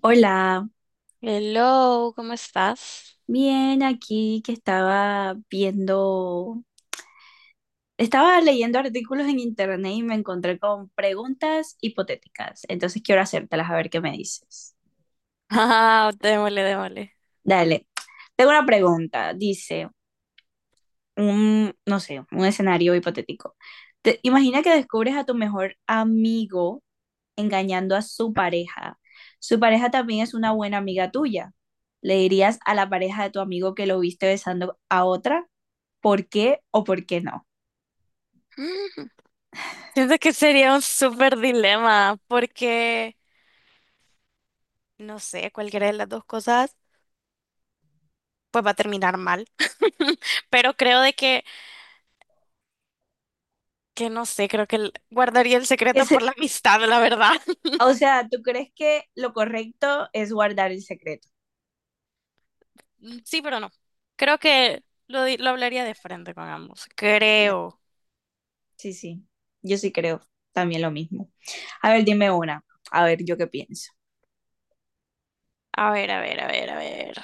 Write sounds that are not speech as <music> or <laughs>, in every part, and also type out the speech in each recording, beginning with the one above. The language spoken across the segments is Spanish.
Hola, Hello, ¿cómo estás? <laughs> bien aquí que estaba viendo, estaba leyendo artículos en internet y me encontré con preguntas hipotéticas. Entonces quiero hacértelas a ver qué me dices. Ah, démosle, démosle. <laughs> Dale, tengo una pregunta. Dice, un, no sé, un escenario hipotético. Imagina que descubres a tu mejor amigo engañando a su pareja. Su pareja también es una buena amiga tuya. ¿Le dirías a la pareja de tu amigo que lo viste besando a otra? ¿Por qué o por qué no? Mm, Siento que sería un súper dilema porque, no sé, cualquiera de las dos cosas, pues va a terminar mal. <laughs> Pero creo que no sé, creo que guardaría el secreto Es, por la amistad, la verdad. <laughs> o sea, ¿tú crees que lo correcto es guardar el secreto? Mm, sí, pero no. Creo que lo hablaría de frente con ambos. La- Creo. Sí, sí, yo sí creo también lo mismo. A ver, dime una, a ver, yo qué pienso. A ver, a ver, a ver, a ver.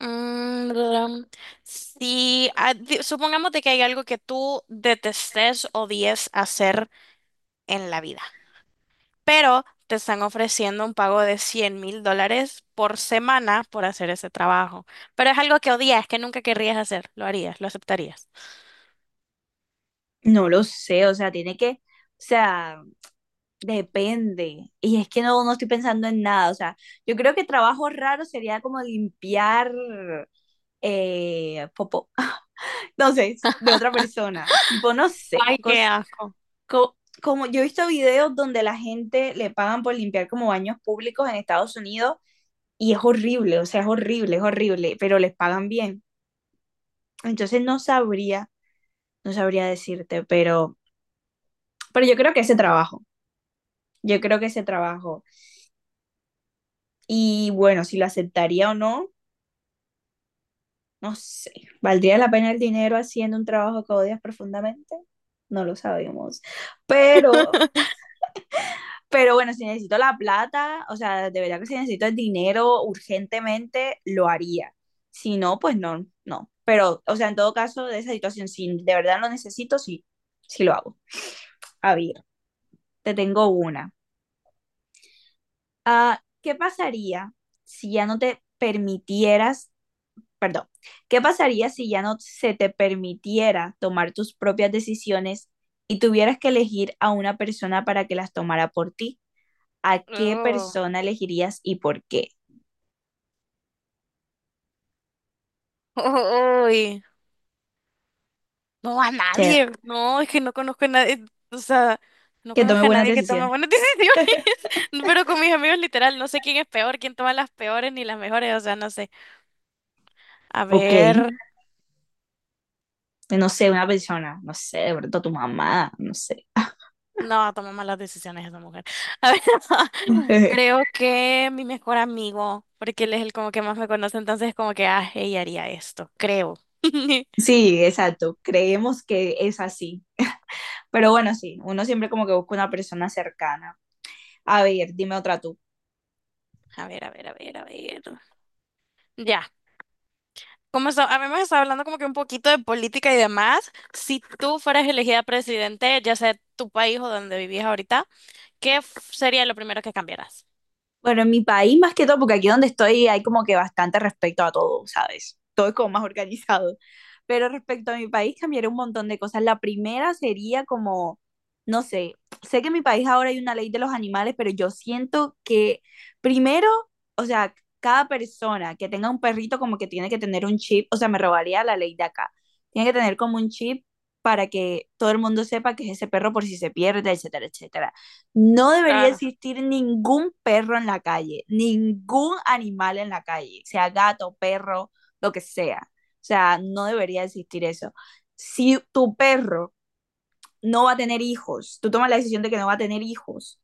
Mm, um, si ah, di- Supongamos de que hay algo que tú detestes, odies hacer en la vida, pero te están ofreciendo un pago de $100,000 por semana por hacer ese trabajo, pero es algo que odias, que nunca querrías hacer, lo harías, lo aceptarías. No lo sé, o sea, tiene que, o sea, depende. Y es que no, no estoy pensando en nada, o sea, yo creo que trabajo raro sería como limpiar popo, <laughs> no sé, de otra persona. Tipo, no sé, Ay, qué cosas asco. co- como yo he visto videos donde la gente le pagan por limpiar como baños públicos en Estados Unidos y es horrible, o sea, es horrible, pero les pagan bien. Entonces no sabría, no sabría decirte, pero yo creo que ese trabajo, yo creo que ese trabajo. Y bueno, si lo aceptaría o no, no sé. ¿Valdría la pena el dinero haciendo un trabajo que odias profundamente? No lo sabemos. Pero Pero bueno, si necesito la plata, o sea, de verdad que si necesito el dinero urgentemente, lo haría. Si no, pues no, no. Pero, o sea, en todo caso, de esa situación, si de verdad lo necesito, sí, sí lo hago. A ver, te tengo una. ¿Qué pasaría si ya no te permitieras, perdón, qué pasaría si ya no se te permitiera tomar tus propias decisiones y tuvieras que elegir a una persona para que las tomara por ti? ¿A qué Ugh. persona elegirías y por qué? <laughs> Uy. No, a Chévere. nadie. No, es que no conozco a nadie. O sea, no Que tome conozco a buenas nadie que tome decisiones. buenas <laughs> decisiones. Pero con mis amigos, literal, no sé quién es peor, quién toma las peores ni las mejores. O sea, no sé. A Ok, ver. no sé, una persona, no sé, de pronto tu mamá, no sé. No, toma malas decisiones esa mujer. <laughs> A ver, <laughs> <laughs> creo que mi mejor amigo, porque él es el como que más me conoce, entonces como que, ah, ella haría esto, creo. <laughs> Sí, exacto, creemos que es así. Pero bueno, sí, uno siempre como que busca una persona cercana. A ver, dime otra tú. A ver, a ver, a ver, a ver. Ya. Habíamos estado hablando como que un poquito de política y demás. Si tú fueras elegida presidente, ya sea de tu país o donde vivís ahorita, ¿ sería lo primero que cambiaras? Bueno, en mi país más que todo, porque aquí donde estoy hay como que bastante respecto a todo, ¿sabes? Todo es como más organizado. Pero respecto a mi país cambiaría un montón de cosas. La primera sería como, no sé, sé que en mi país ahora hay una ley de los animales, pero yo siento que primero, o sea, cada persona que tenga un perrito como que tiene que tener un chip, o sea, me robaría la ley de acá. Tiene que tener como un chip para que todo el mundo sepa que es ese perro por si se pierde, etcétera, etcétera. No debería Claro, existir ningún perro en la calle, ningún animal en la calle, sea gato, perro, lo que sea. O sea, no debería existir eso. Si tu perro no va a tener hijos, tú tomas la decisión de que no va a tener hijos,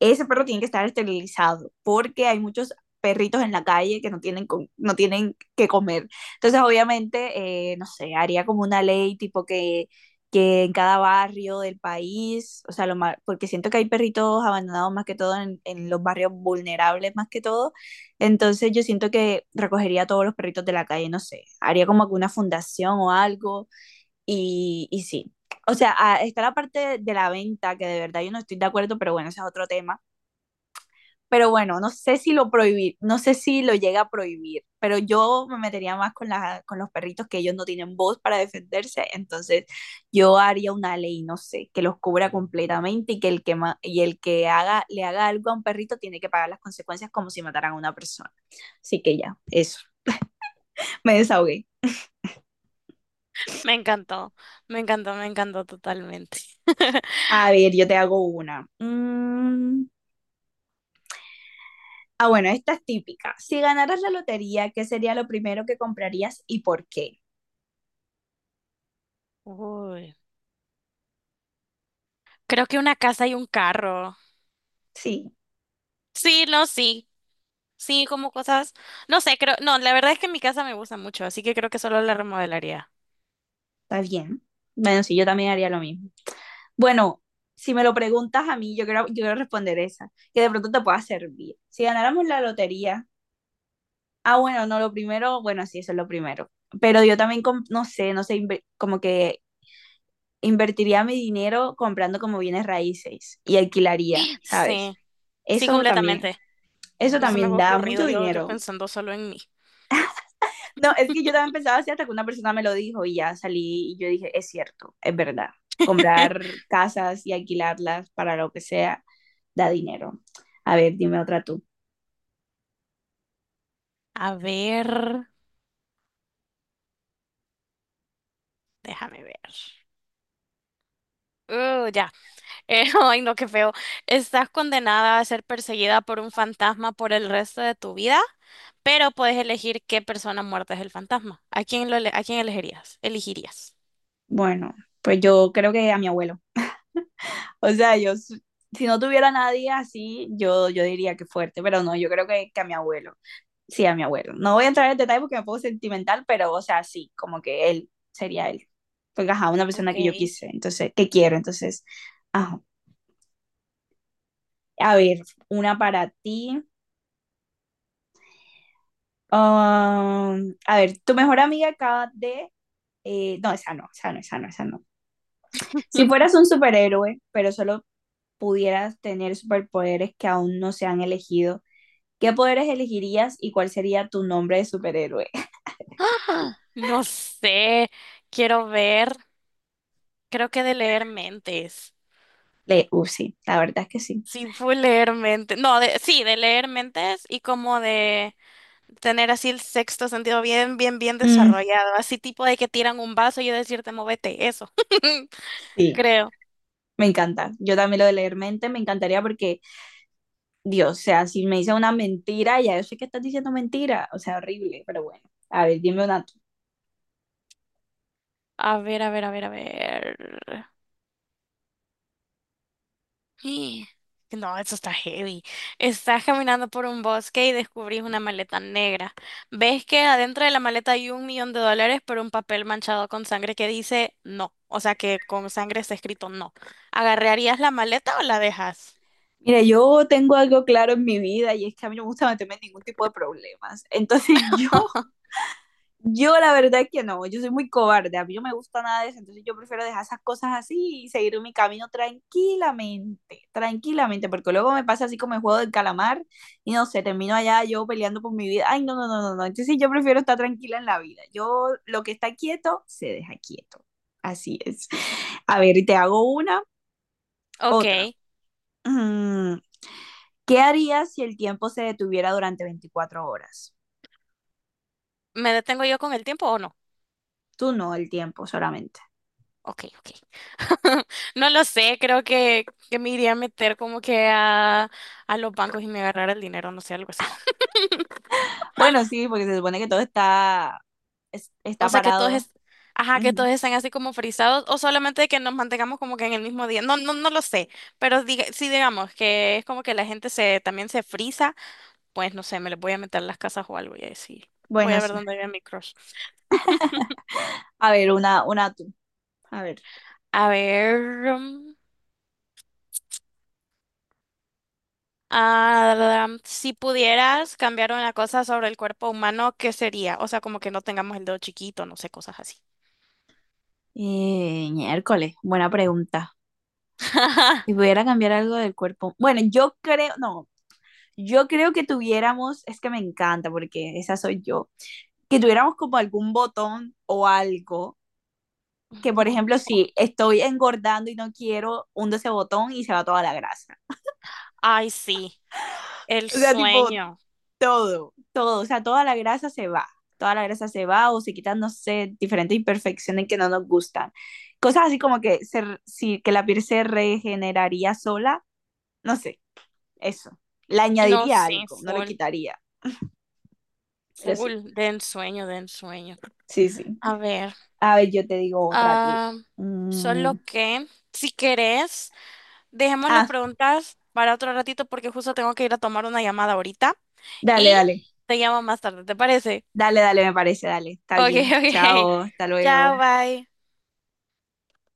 ese perro tiene que estar esterilizado porque hay muchos perritos en la calle que no tienen, no tienen que comer. Entonces, obviamente, no sé, haría como una ley tipo que en cada barrio del país, o sea, lo más, porque siento que hay perritos abandonados más que todo en los barrios vulnerables más que todo. Entonces, yo siento que recogería a todos los perritos de la calle, no sé, haría como alguna fundación o algo y sí, o sea, ah, está la parte de la venta, que de verdad yo no estoy de acuerdo, pero bueno, ese es otro tema. Pero bueno, no sé si lo prohibir, no sé si lo llega a prohibir, pero yo me metería más con, la, con los perritos que ellos no tienen voz para defenderse, entonces yo haría una ley, no sé, que los cubra completamente y que el que, y el que haga, le haga algo a un perrito tiene que pagar las consecuencias como si mataran a una persona. Así que ya, eso, me desahogué. me encantó, me encantó, me encantó totalmente. A ver, yo te hago una. Ah, bueno, esta es típica. Si ganaras la lotería, ¿qué sería lo primero que comprarías y por qué? Uy, creo que una casa y un carro. Sí, Sí, no, sí, sí, como cosas, no sé, creo, no, la verdad es que mi casa me gusta mucho, así que creo que solo la remodelaría. está bien. Bueno, sí, yo también haría lo mismo. Bueno, si me lo preguntas a mí, yo quiero responder esa, que de pronto te pueda servir. Si ganáramos la lotería, ah, bueno, no, lo primero, bueno, sí, eso es lo primero. Pero yo también, no sé, no sé, como que invertiría mi dinero comprando como bienes raíces y alquilaría, <gasps> ¿sabes? Sí, sí, Eso también, completamente. eso No se me también había da ocurrido. mucho Yo dinero. pensando solo en mí. No, es que yo también pensaba así hasta que una persona me lo dijo y ya salí y yo dije, es cierto, es verdad. <laughs> Comprar casas y alquilarlas para lo que sea da dinero. A ver, dime otra tú. A ver. Déjame ver. Ya. <laughs> Ay, no, qué feo. Estás condenada a ser perseguida por un fantasma por el resto de tu vida, pero puedes elegir qué persona muerta es el fantasma. ¿A quién elegirías? Elegirías. Bueno, pues yo creo que a mi abuelo. O sea, si no tuviera a nadie así, yo diría que fuerte, pero no, yo creo que a mi abuelo. Sí, a mi abuelo. No voy a entrar en detalle porque me pongo sentimental, pero o sea, sí, como que él sería él. Porque ajá, una persona Ok. que yo quise, entonces, que quiero, entonces, ajá. A ver, una para ti. A ver, tu mejor amiga acaba de... no, esa no, esa no, esa no, esa no. Si <laughs> fueras un superhéroe, pero solo pudieras tener superpoderes que aún no se han elegido, ¿qué poderes elegirías y cuál sería tu nombre de superhéroe? <laughs> No sé. Quiero ver. Creo que de leer mentes. Le, sí, la verdad es que sí. Sí, fue leer mentes. No, de, sí, de leer mentes y como de tener así el sexto sentido bien, bien, bien Mm, desarrollado, así tipo de que tiran un vaso y yo decirte, móvete, eso, <laughs> sí, creo. me encanta. Yo también lo de leer mente me encantaría porque, Dios, o sea, si me dice una mentira, ya yo sé que estás diciendo mentira. O sea, horrible, pero bueno. A ver, dime una tú. A ver, a ver, a ver, a ver. <gasps> Y- No, eso está heavy. Estás caminando por un bosque y descubrís una maleta negra. Ves que adentro de la maleta hay $1,000,000 pero un papel manchado con sangre que dice no. O sea que con sangre está escrito no. ¿Agarrarías la maleta o la dejas? Mira, yo tengo algo claro en mi vida y es que a mí no me gusta meterme en ningún tipo de problemas. Entonces <laughs> yo la verdad es que no, yo soy muy cobarde, a mí no me gusta nada de eso, entonces yo prefiero dejar esas cosas así y seguir mi camino tranquilamente, tranquilamente, porque luego me pasa así como el juego del calamar y no sé, termino allá yo peleando por mi vida. Ay, no, no, no, no, no. Entonces yo prefiero estar tranquila en la vida. Yo lo que está quieto, se deja quieto. Así es. A ver, y te hago una, otra. Ok. Mm, ¿Qué harías si el tiempo se detuviera durante 24 horas? ¿Me detengo yo con el tiempo o no? Tú no, el tiempo solamente. Ok, ok. <laughs> No lo sé, creo que me iría a meter como que a los bancos y me agarrar el dinero, no sé, algo así. Bueno, sí, porque se supone que todo está, O está sea, que todos, parado. es, ajá, que Ujú. todos estén así como frisados o solamente que nos mantengamos como que en el mismo día. No, no, no lo sé, pero diga, sí digamos que es como que la gente se también se frisa, pues no sé, me les voy a meter a las casas o algo y así. Voy Bueno, a ver sí. dónde vive mi crush. A ver, una tú. A ver. A ver. mm, Ah, si pudieras cambiar una cosa sobre el cuerpo humano, ¿qué sería? O sea, como que no tengamos el dedo chiquito, no sé, cosas así. Miércoles, buena pregunta. Si <laughs> pudiera cambiar algo del cuerpo. Bueno, yo creo, no, yo creo que tuviéramos, es que me encanta porque esa soy yo, que tuviéramos como algún botón o algo que, por Bu- ejemplo, si estoy engordando y no quiero, hundo ese botón y se va toda la grasa. Ay, sí, el O sea, tipo, sueño. todo, todo, o sea, toda la grasa se va, toda la grasa se va o se quitan, no sé, diferentes imperfecciones que no nos gustan. Cosas así como que, se, si, que la piel se regeneraría sola, no sé, eso. Le No, añadiría sí, algo, no le full, quitaría, pero sí, full, de ensueño, de ensueño. sí, sí. A ver, A ver, yo te digo otra a ti. ah, Mm, solo que, si querés, dejemos las Ah, preguntas para otro ratito porque justo tengo que ir a tomar una llamada ahorita dale, y dale, te llamo más tarde, ¿te parece? dale, dale, me parece, dale, está Ok, <laughs> bien. ok. Chao, hasta luego. Chao, bye.